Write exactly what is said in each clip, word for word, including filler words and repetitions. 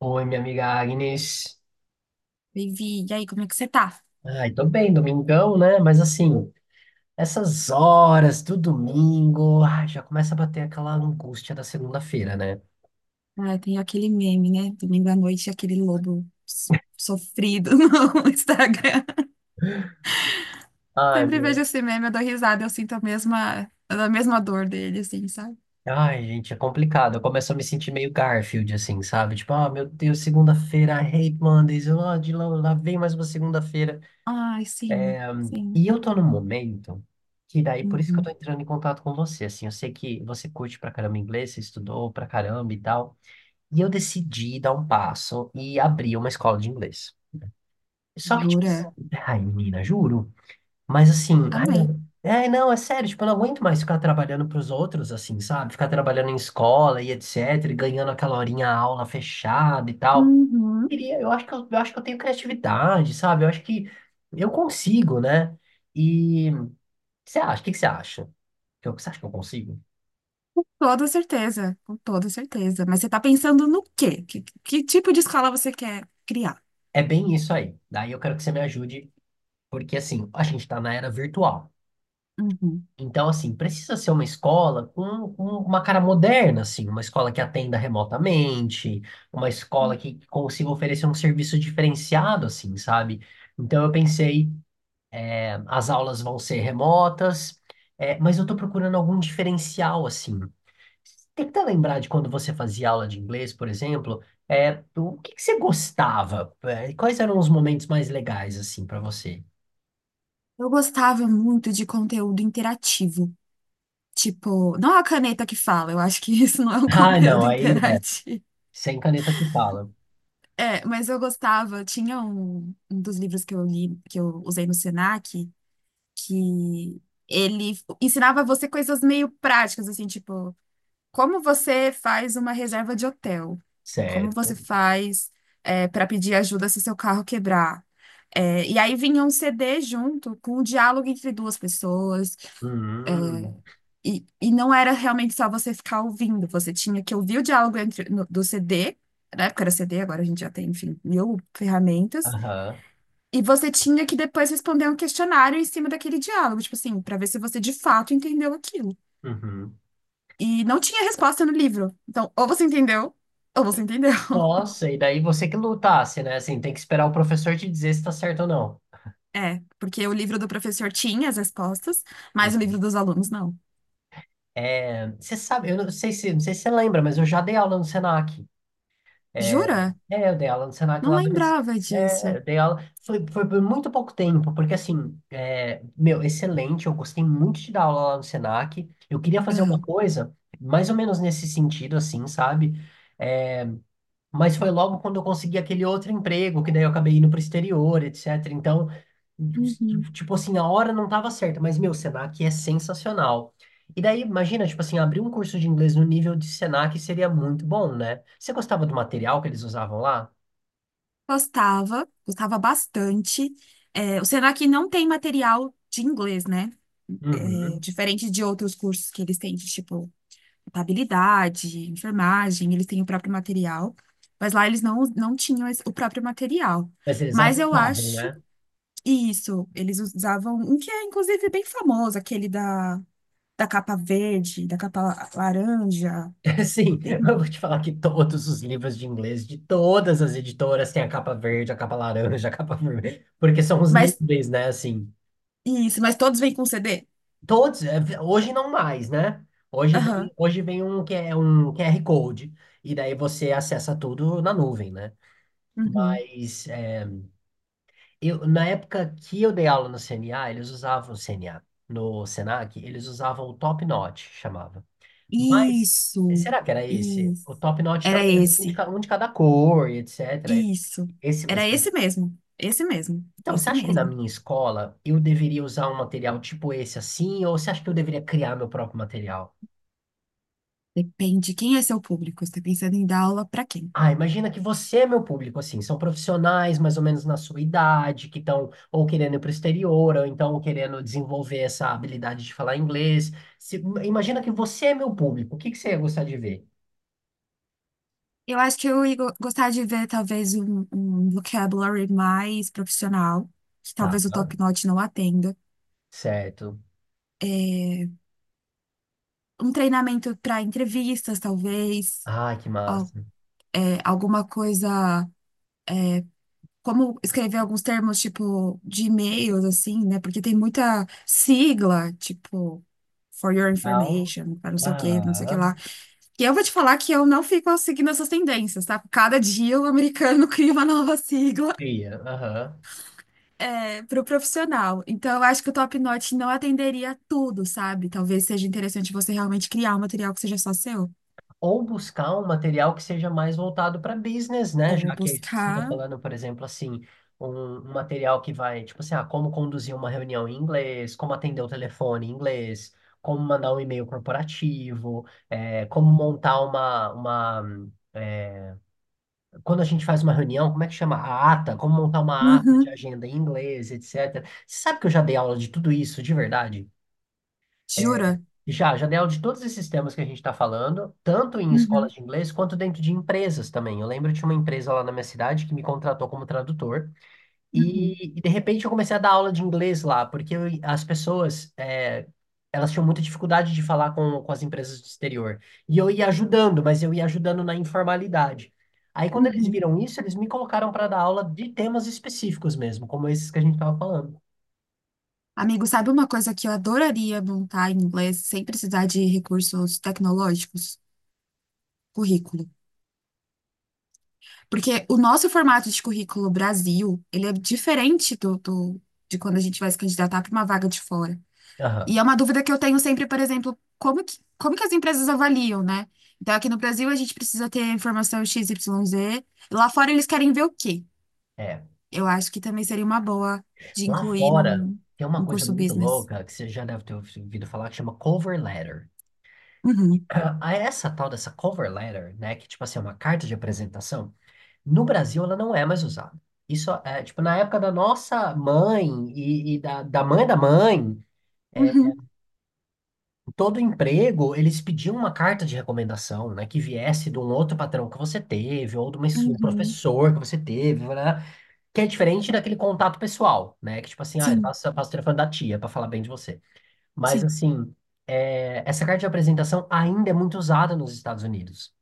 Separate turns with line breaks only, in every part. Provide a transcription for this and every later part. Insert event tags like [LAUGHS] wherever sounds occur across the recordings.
Oi, minha amiga Agnes.
Vivi, e aí, como é que você tá?
Ai, tô bem, domingão, né? Mas assim, essas horas do domingo, ai, já começa a bater aquela angústia da segunda-feira, né?
Ah, tem aquele meme, né? Domingo à noite, aquele lobo s- sofrido [LAUGHS] no Instagram.
Ai,
Sempre vejo
meu.
esse meme, eu dou risada, eu sinto a mesma, a mesma dor dele, assim, sabe?
Ai, gente, é complicado. Eu começo a me sentir meio Garfield, assim, sabe? Tipo, ah, meu Deus, segunda-feira, I hate Mondays, eu, ah, de lá, lá vem mais uma segunda-feira.
Ai, sim, sim.
E eu tô num momento que daí, por isso que eu tô
Uhum.
entrando em contato com você, assim, eu sei que você curte pra caramba inglês, você estudou pra caramba e tal. E eu decidi dar um passo e abrir uma escola de inglês. Só que, tipo assim,
Jura?
ai, menina, juro. Mas assim, ai,
Amei.
não. É, não, é sério, tipo, eu não aguento mais ficar trabalhando pros outros, assim, sabe? Ficar trabalhando em escola e etc, e ganhando aquela horinha a aula fechada e tal.
Uhum.
Queria- Eu acho que eu, eu acho que eu tenho criatividade, sabe? Eu acho que eu consigo, né? E o que você acha? O que que você acha? Que eu- Você acha que eu consigo?
Com toda certeza, com toda certeza. Mas você tá pensando no quê? Que, que tipo de escola você quer criar?
É bem isso aí. Daí eu quero que você me ajude, porque assim, a gente tá na era virtual.
Uhum.
Então, assim, precisa ser uma escola com, com uma cara moderna, assim, uma escola que atenda remotamente, uma escola que consiga oferecer um serviço diferenciado, assim, sabe? Então, eu pensei, eh, as aulas vão ser remotas, eh, mas eu tô procurando algum diferencial, assim. Tenta lembrar de quando você fazia aula de inglês, por exemplo, é o que que você gostava? Eh, Quais eram os momentos mais legais, assim, para você? [LAUGHS]
Eu gostava muito de conteúdo interativo. Tipo, não é a caneta que fala, eu acho que [LAUGHS] isso não é um [LAUGHS]
Ah, não,
conteúdo
aí, né,
interativo.
sem caneta que fala,
É, mas eu gostava, tinha um, um dos livros que eu li, que eu usei no Senac, que ele ensinava você coisas meio práticas, assim, tipo, como você faz uma reserva de hotel? Como você
certo.
faz para pedir ajuda se seu carro quebrar? É, e aí vinha um C D junto com o diálogo entre duas pessoas.
Hum,
E, e não era realmente só você ficar ouvindo, você tinha que ouvir o diálogo entre, no- do C D, na época era C D, agora a gente já tem, enfim, mil ferramentas,
aham,
e você tinha que depois responder um questionário em cima daquele diálogo, tipo assim, para ver se você de fato entendeu aquilo.
uhum.
E não tinha resposta no livro. Então, ou você entendeu, ou você entendeu. [LAUGHS]
Nossa, e daí você que lutasse, né? Assim, tem que esperar o professor te dizer se tá certo ou não.
É, porque o livro do professor tinha as respostas, mas o
Uhum.
livro dos alunos não.
É, você sabe, eu não sei se, não sei se você lembra, mas eu já dei aula no Senac. É,
Jura?
é, eu dei aula no Senac
Não
lá do M S.
lembrava
É,
disso.
eu dei aula. Foi, foi por muito pouco tempo, porque assim, é, meu, excelente, eu gostei muito de dar aula lá no Senac. Eu queria fazer uma
Aham.
coisa mais ou menos nesse sentido, assim, sabe? É, mas foi logo quando eu consegui aquele outro emprego, que daí eu acabei indo pro exterior, etcétera. Então,
Uhum.
tipo assim, a hora não tava certa, mas meu, Senac é sensacional. E daí, imagina, tipo assim, abrir um curso de inglês no nível de Senac seria muito bom, né? Você gostava do material que eles usavam lá?
Gostava, gostava bastante. É, o Senac não tem material de inglês, né? É,
Uhum.
diferente de outros cursos que eles têm, de, tipo, contabilidade, enfermagem, eles têm o próprio material. Mas lá eles não, não tinham esse- o próprio material.
Mas eles
Mas eu
adotavam,
acho
né?
que isso, eles usavam um que é, inclusive, bem famoso, aquele da, da capa verde, da capa la- laranja.
[LAUGHS] Sim,
Tem-
eu vou te falar que todos os livros de inglês de todas as editoras têm a capa verde, a capa laranja, a capa [LAUGHS] vermelha, porque são os
Mas
níveis, né? Assim.
isso, mas todos vêm com C D?
Todos, é, vi- hoje não mais, né? Hoje vem,
Aham.
hoje vem um, que é um Q R Code, e daí você acessa tudo na nuvem, né?
Uhum.
Mas é, eu, na época que eu dei aula no C N A, eles usavam o C N A. No Senac, eles usavam o Top Notch, chamava. Mas
Isso,
será que era esse?
isso.
O Top Notch
Era
também era um de
esse.
ca- um de cada cor, e etcétera. Eles-
Isso.
Esse, esse-
Era esse mesmo. Esse mesmo.
Então, você
Esse
acha que na
mesmo.
minha escola eu deveria usar um material tipo esse assim, ou você acha que eu deveria criar meu próprio material?
Depende quem é seu público. Você tá pensando em dar aula para quem?
Ah, imagina que você é meu público, assim, são profissionais mais ou menos na sua idade, que estão ou querendo ir para o exterior, ou então querendo desenvolver essa habilidade de falar inglês. Se- imagina que você é meu público, o que que você ia gostar de ver?
Eu acho que eu ia go- gostar de ver talvez um, um vocabulary mais profissional, que
Tá,
talvez o Top Notch não atenda.
certo.
Um treinamento para entrevistas, talvez.
Ah, que
Al-
massa.
é, Alguma coisa como escrever alguns termos, tipo, de e-mails, assim, né? Porque tem muita sigla, tipo, for your
Legal.
information, para não sei o quê, não sei o que lá.
Aham.
E eu vou te falar que eu não fico seguindo essas tendências, tá? Cada dia o americano [LAUGHS] cria uma nova sigla,
Cria, aham.
é, para o profissional. Então, eu acho que o Top Notch não atenderia tudo, sabe? Talvez seja interessante você realmente criar um material que seja só seu.
Ou buscar um material que seja mais voltado para business, né?
Ou
Já que é isso que você está
buscar.
falando, por exemplo, assim, um, um material que vai, tipo assim, ah, como conduzir uma reunião em inglês, como atender o telefone em inglês, como mandar um e-mail corporativo, eh, como montar uma, uma eh, quando a gente faz uma reunião, como é que chama? A ata, como montar uma ata de
Uhum.
agenda em inglês, etcétera. Você sabe que eu já dei aula de tudo isso, de verdade?
Jura?
Já, já dei aula de todos esses temas que a gente está falando, tanto em escolas
Uhum.
de inglês quanto dentro de empresas também. Eu lembro de uma empresa lá na minha cidade que me contratou como tradutor
Uhum.
e, e, de repente eu comecei a dar aula de inglês lá, porque eu- as pessoas, é, elas tinham muita dificuldade de falar com, com as empresas do exterior. E eu ia ajudando, mas eu ia ajudando na informalidade. Aí quando eles
Uhum.
viram isso, eles me colocaram para dar aula de temas específicos mesmo, como esses que a gente estava falando.
Amigo, sabe uma coisa que eu adoraria montar em inglês sem precisar de recursos tecnológicos? Currículo. Porque o nosso formato de currículo Brasil, ele é diferente do, do- de quando a gente vai se candidatar para uma vaga de fora. E
Aham,
é uma dúvida que eu tenho sempre, por exemplo, como que, como que as empresas avaliam, né? Então, aqui no Brasil, a gente precisa ter a informação X Y Z. Lá fora, eles querem ver o quê?
é.
Eu acho que também seria uma boa de
Lá
incluir
fora,
num,
tem uma
num
coisa
curso
muito
business.
louca que você já deve ter ouvido falar que chama cover letter.
Uhum,
[CLEARS THROAT] A essa tal dessa cover letter, né, que tipo assim, é uma carta de apresentação, no Brasil ela não é mais usada. Isso é, tipo, na época da nossa mãe e, e da, da mãe da mãe, é,
uhum,
em todo emprego, eles pediam uma carta de recomendação, né, que viesse de um outro patrão que você teve, ou de uma, de um
uhum.
professor que você teve, né, que é diferente daquele contato pessoal, né, que tipo assim, ah,
Sim.
passa, passa o telefone da tia para falar bem de você. Mas,
Sim.
assim, é, essa carta de apresentação ainda é muito usada nos Estados Unidos,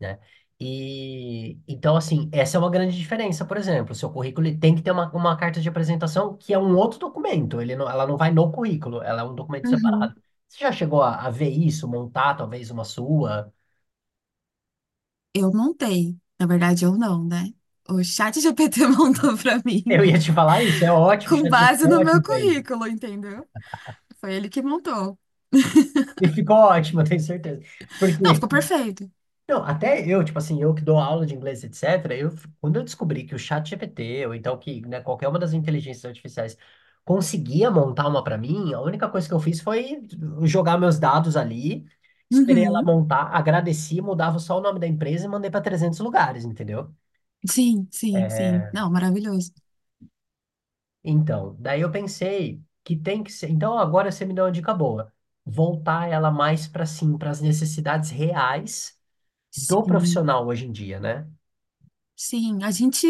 né? E, então, assim, essa é uma grande diferença, por exemplo. O seu currículo ele tem que ter uma, uma carta de apresentação que é um outro documento. Ele não- ela não vai no currículo, ela é um documento separado.
Uhum.
Você já chegou a, a ver isso, montar talvez uma sua?
Eu montei. Na verdade, eu não, né? O chat G P T [LAUGHS] montou pra
Eu
mim
ia te falar isso, é ótimo, o
com
ChatGPT
base
é
no meu
ótimo para isso.
currículo, entendeu? Foi ele que montou.
E ficou ótimo, eu tenho certeza.
Não,
Porque
ficou perfeito.
não, até eu, tipo assim, eu que dou aula de inglês, etcétera, eu, quando eu descobri que o chat G P T ou então que, né, qualquer uma das inteligências artificiais conseguia montar uma para mim, a única coisa que eu fiz foi jogar meus dados ali, esperei ela
Uhum.
montar, agradeci, mudava só o nome da empresa e mandei para trezentos lugares, entendeu?
Sim, sim, sim. Não, maravilhoso.
Então, daí eu pensei que tem que ser. Então, agora você me deu uma dica boa. Voltar ela mais para sim, para as necessidades reais do
Sim,
profissional hoje em dia, né?
sim. A gente.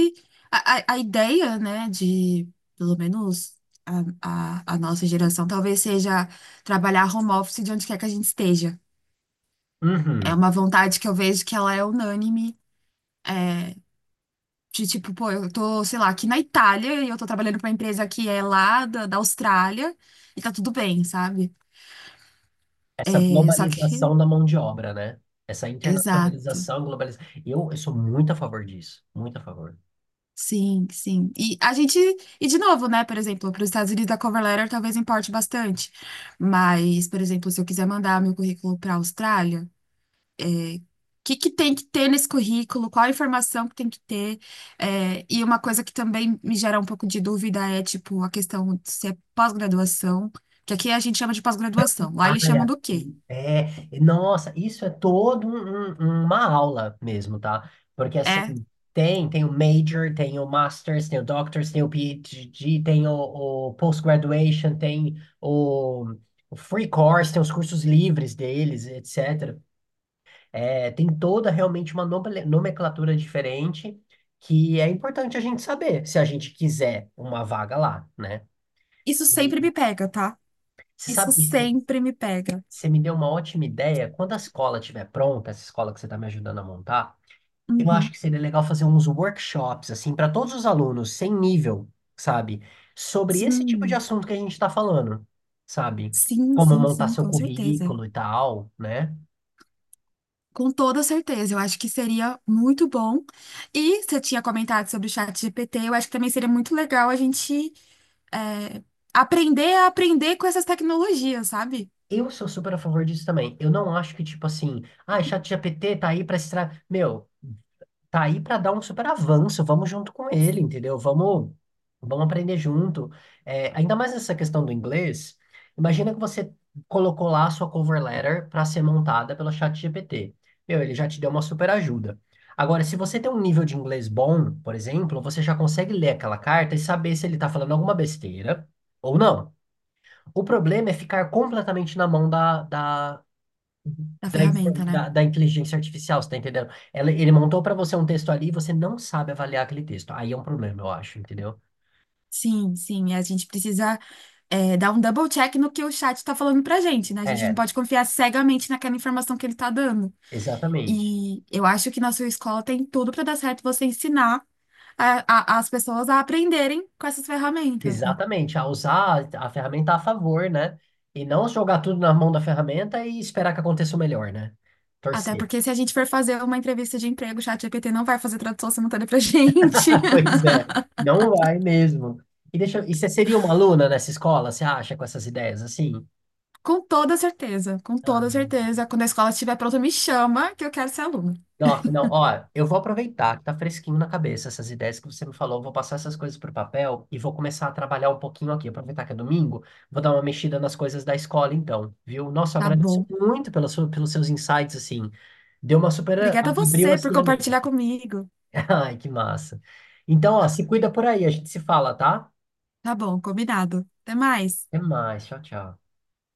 A, a, a ideia, né, de, pelo menos, a, a, a nossa geração, talvez seja trabalhar home office de onde quer que a gente esteja. É
Uhum.
uma vontade que eu vejo que ela é unânime. É, de tipo, pô, eu tô, sei lá, aqui na Itália e eu tô trabalhando pra uma empresa que é lá da, da Austrália e tá tudo bem, sabe?
Essa
É, só que.
globalização da mão de obra, né? Essa
Exato.
internacionalização, globalização. Eu, eu sou muito a favor disso, muito a favor.
Sim, sim. E a gente. E de novo, né? Por exemplo, para os Estados Unidos a cover letter talvez importe bastante. Mas, por exemplo, se eu quiser mandar meu currículo para a Austrália. O que que tem que ter nesse currículo, qual a informação que tem que ter. É, e uma coisa que também me gera um pouco de dúvida é, tipo, a questão de se é pós-graduação, que aqui a gente chama de pós-graduação, lá eles
Ai,
chamam do quê?
aqui, é, nossa, isso é todo um- um- uma aula mesmo, tá? Porque
É,
assim, tem, tem o major, tem o master's, tem o doctor's, tem o PhD, tem o, o post-graduation, tem o, o free course, tem os cursos livres deles, etcétera. É, tem toda realmente uma nome- nomenclatura diferente que é importante a gente saber se a gente quiser uma vaga lá, né?
isso
E
sempre me pega, tá?
você
Isso
sabe, isso-
sempre me pega.
você me deu uma ótima ideia. Quando a escola estiver pronta, essa escola que você está me ajudando a montar, eu acho
Uhum.
que seria legal fazer uns workshops, assim, para todos os alunos, sem nível, sabe? Sobre esse tipo de
Sim,
assunto que a gente está falando, sabe?
sim,
Como
sim,
montar
sim,
seu
com certeza.
currículo e tal, né?
Com toda certeza, eu acho que seria muito bom. E você tinha comentado sobre o chat G P T, eu acho que também seria muito legal a gente é, aprender a aprender com essas tecnologias, sabe?
Eu sou super a favor disso também. Eu não acho que, tipo assim, ah, é ChatGPT tá aí pra extrair. Meu, tá aí pra dar um super avanço, vamos junto com ele, entendeu? Vamos, vamos aprender junto. É, ainda mais essa questão do inglês. Imagina que você colocou lá a sua cover letter pra ser montada pelo ChatGPT. Meu, ele já te deu uma super ajuda. Agora, se você tem um nível de inglês bom, por exemplo, você já consegue ler aquela carta e saber se ele tá falando alguma besteira ou não. O problema é ficar completamente na mão da, da,
Da
da, infor-
ferramenta, né?
da- da inteligência artificial, você tá entendendo? Ela- ele montou para você um texto ali e você não sabe avaliar aquele texto. Aí é um problema, eu acho, entendeu?
Sim, sim. A gente precisa, é, dar um double check no que o chat está falando pra gente, né? A gente não
É,
pode confiar cegamente naquela informação que ele tá dando.
exatamente.
E eu acho que na sua escola tem tudo para dar certo você ensinar a- a- as pessoas a aprenderem com essas ferramentas, né?
Exatamente. A usar a ferramenta a favor, né? E não jogar tudo na mão da ferramenta e esperar que aconteça o melhor, né?
Até
Torcer.
porque se a gente for fazer uma entrevista de emprego, o chat ChatGPT não vai fazer tradução simultânea pra [LAUGHS] gente.
[LAUGHS] Pois é. Não vai mesmo. E, deixa, eu- e você seria uma aluna nessa escola, você acha, com essas ideias assim?
Com toda certeza, com
Ah,
toda certeza. Quando a escola estiver pronta, me chama que eu quero ser aluna.
nossa, não, ó, eu vou aproveitar que tá fresquinho na cabeça essas ideias que você me falou, vou passar essas coisas pro papel e vou começar a trabalhar um pouquinho aqui, aproveitar que é domingo, vou dar uma mexida nas coisas da escola então, viu? Nossa, eu
Tá
agradeço
bom.
muito pela sua, pelos seus insights, assim, deu uma super,
Obrigada a
abriu
você por
assim a
compartilhar
mente.
comigo.
[LAUGHS] Ai, que massa. Então, ó, se cuida por aí, a gente se fala, tá?
Tá bom, combinado. Até mais.
Até mais, tchau, tchau.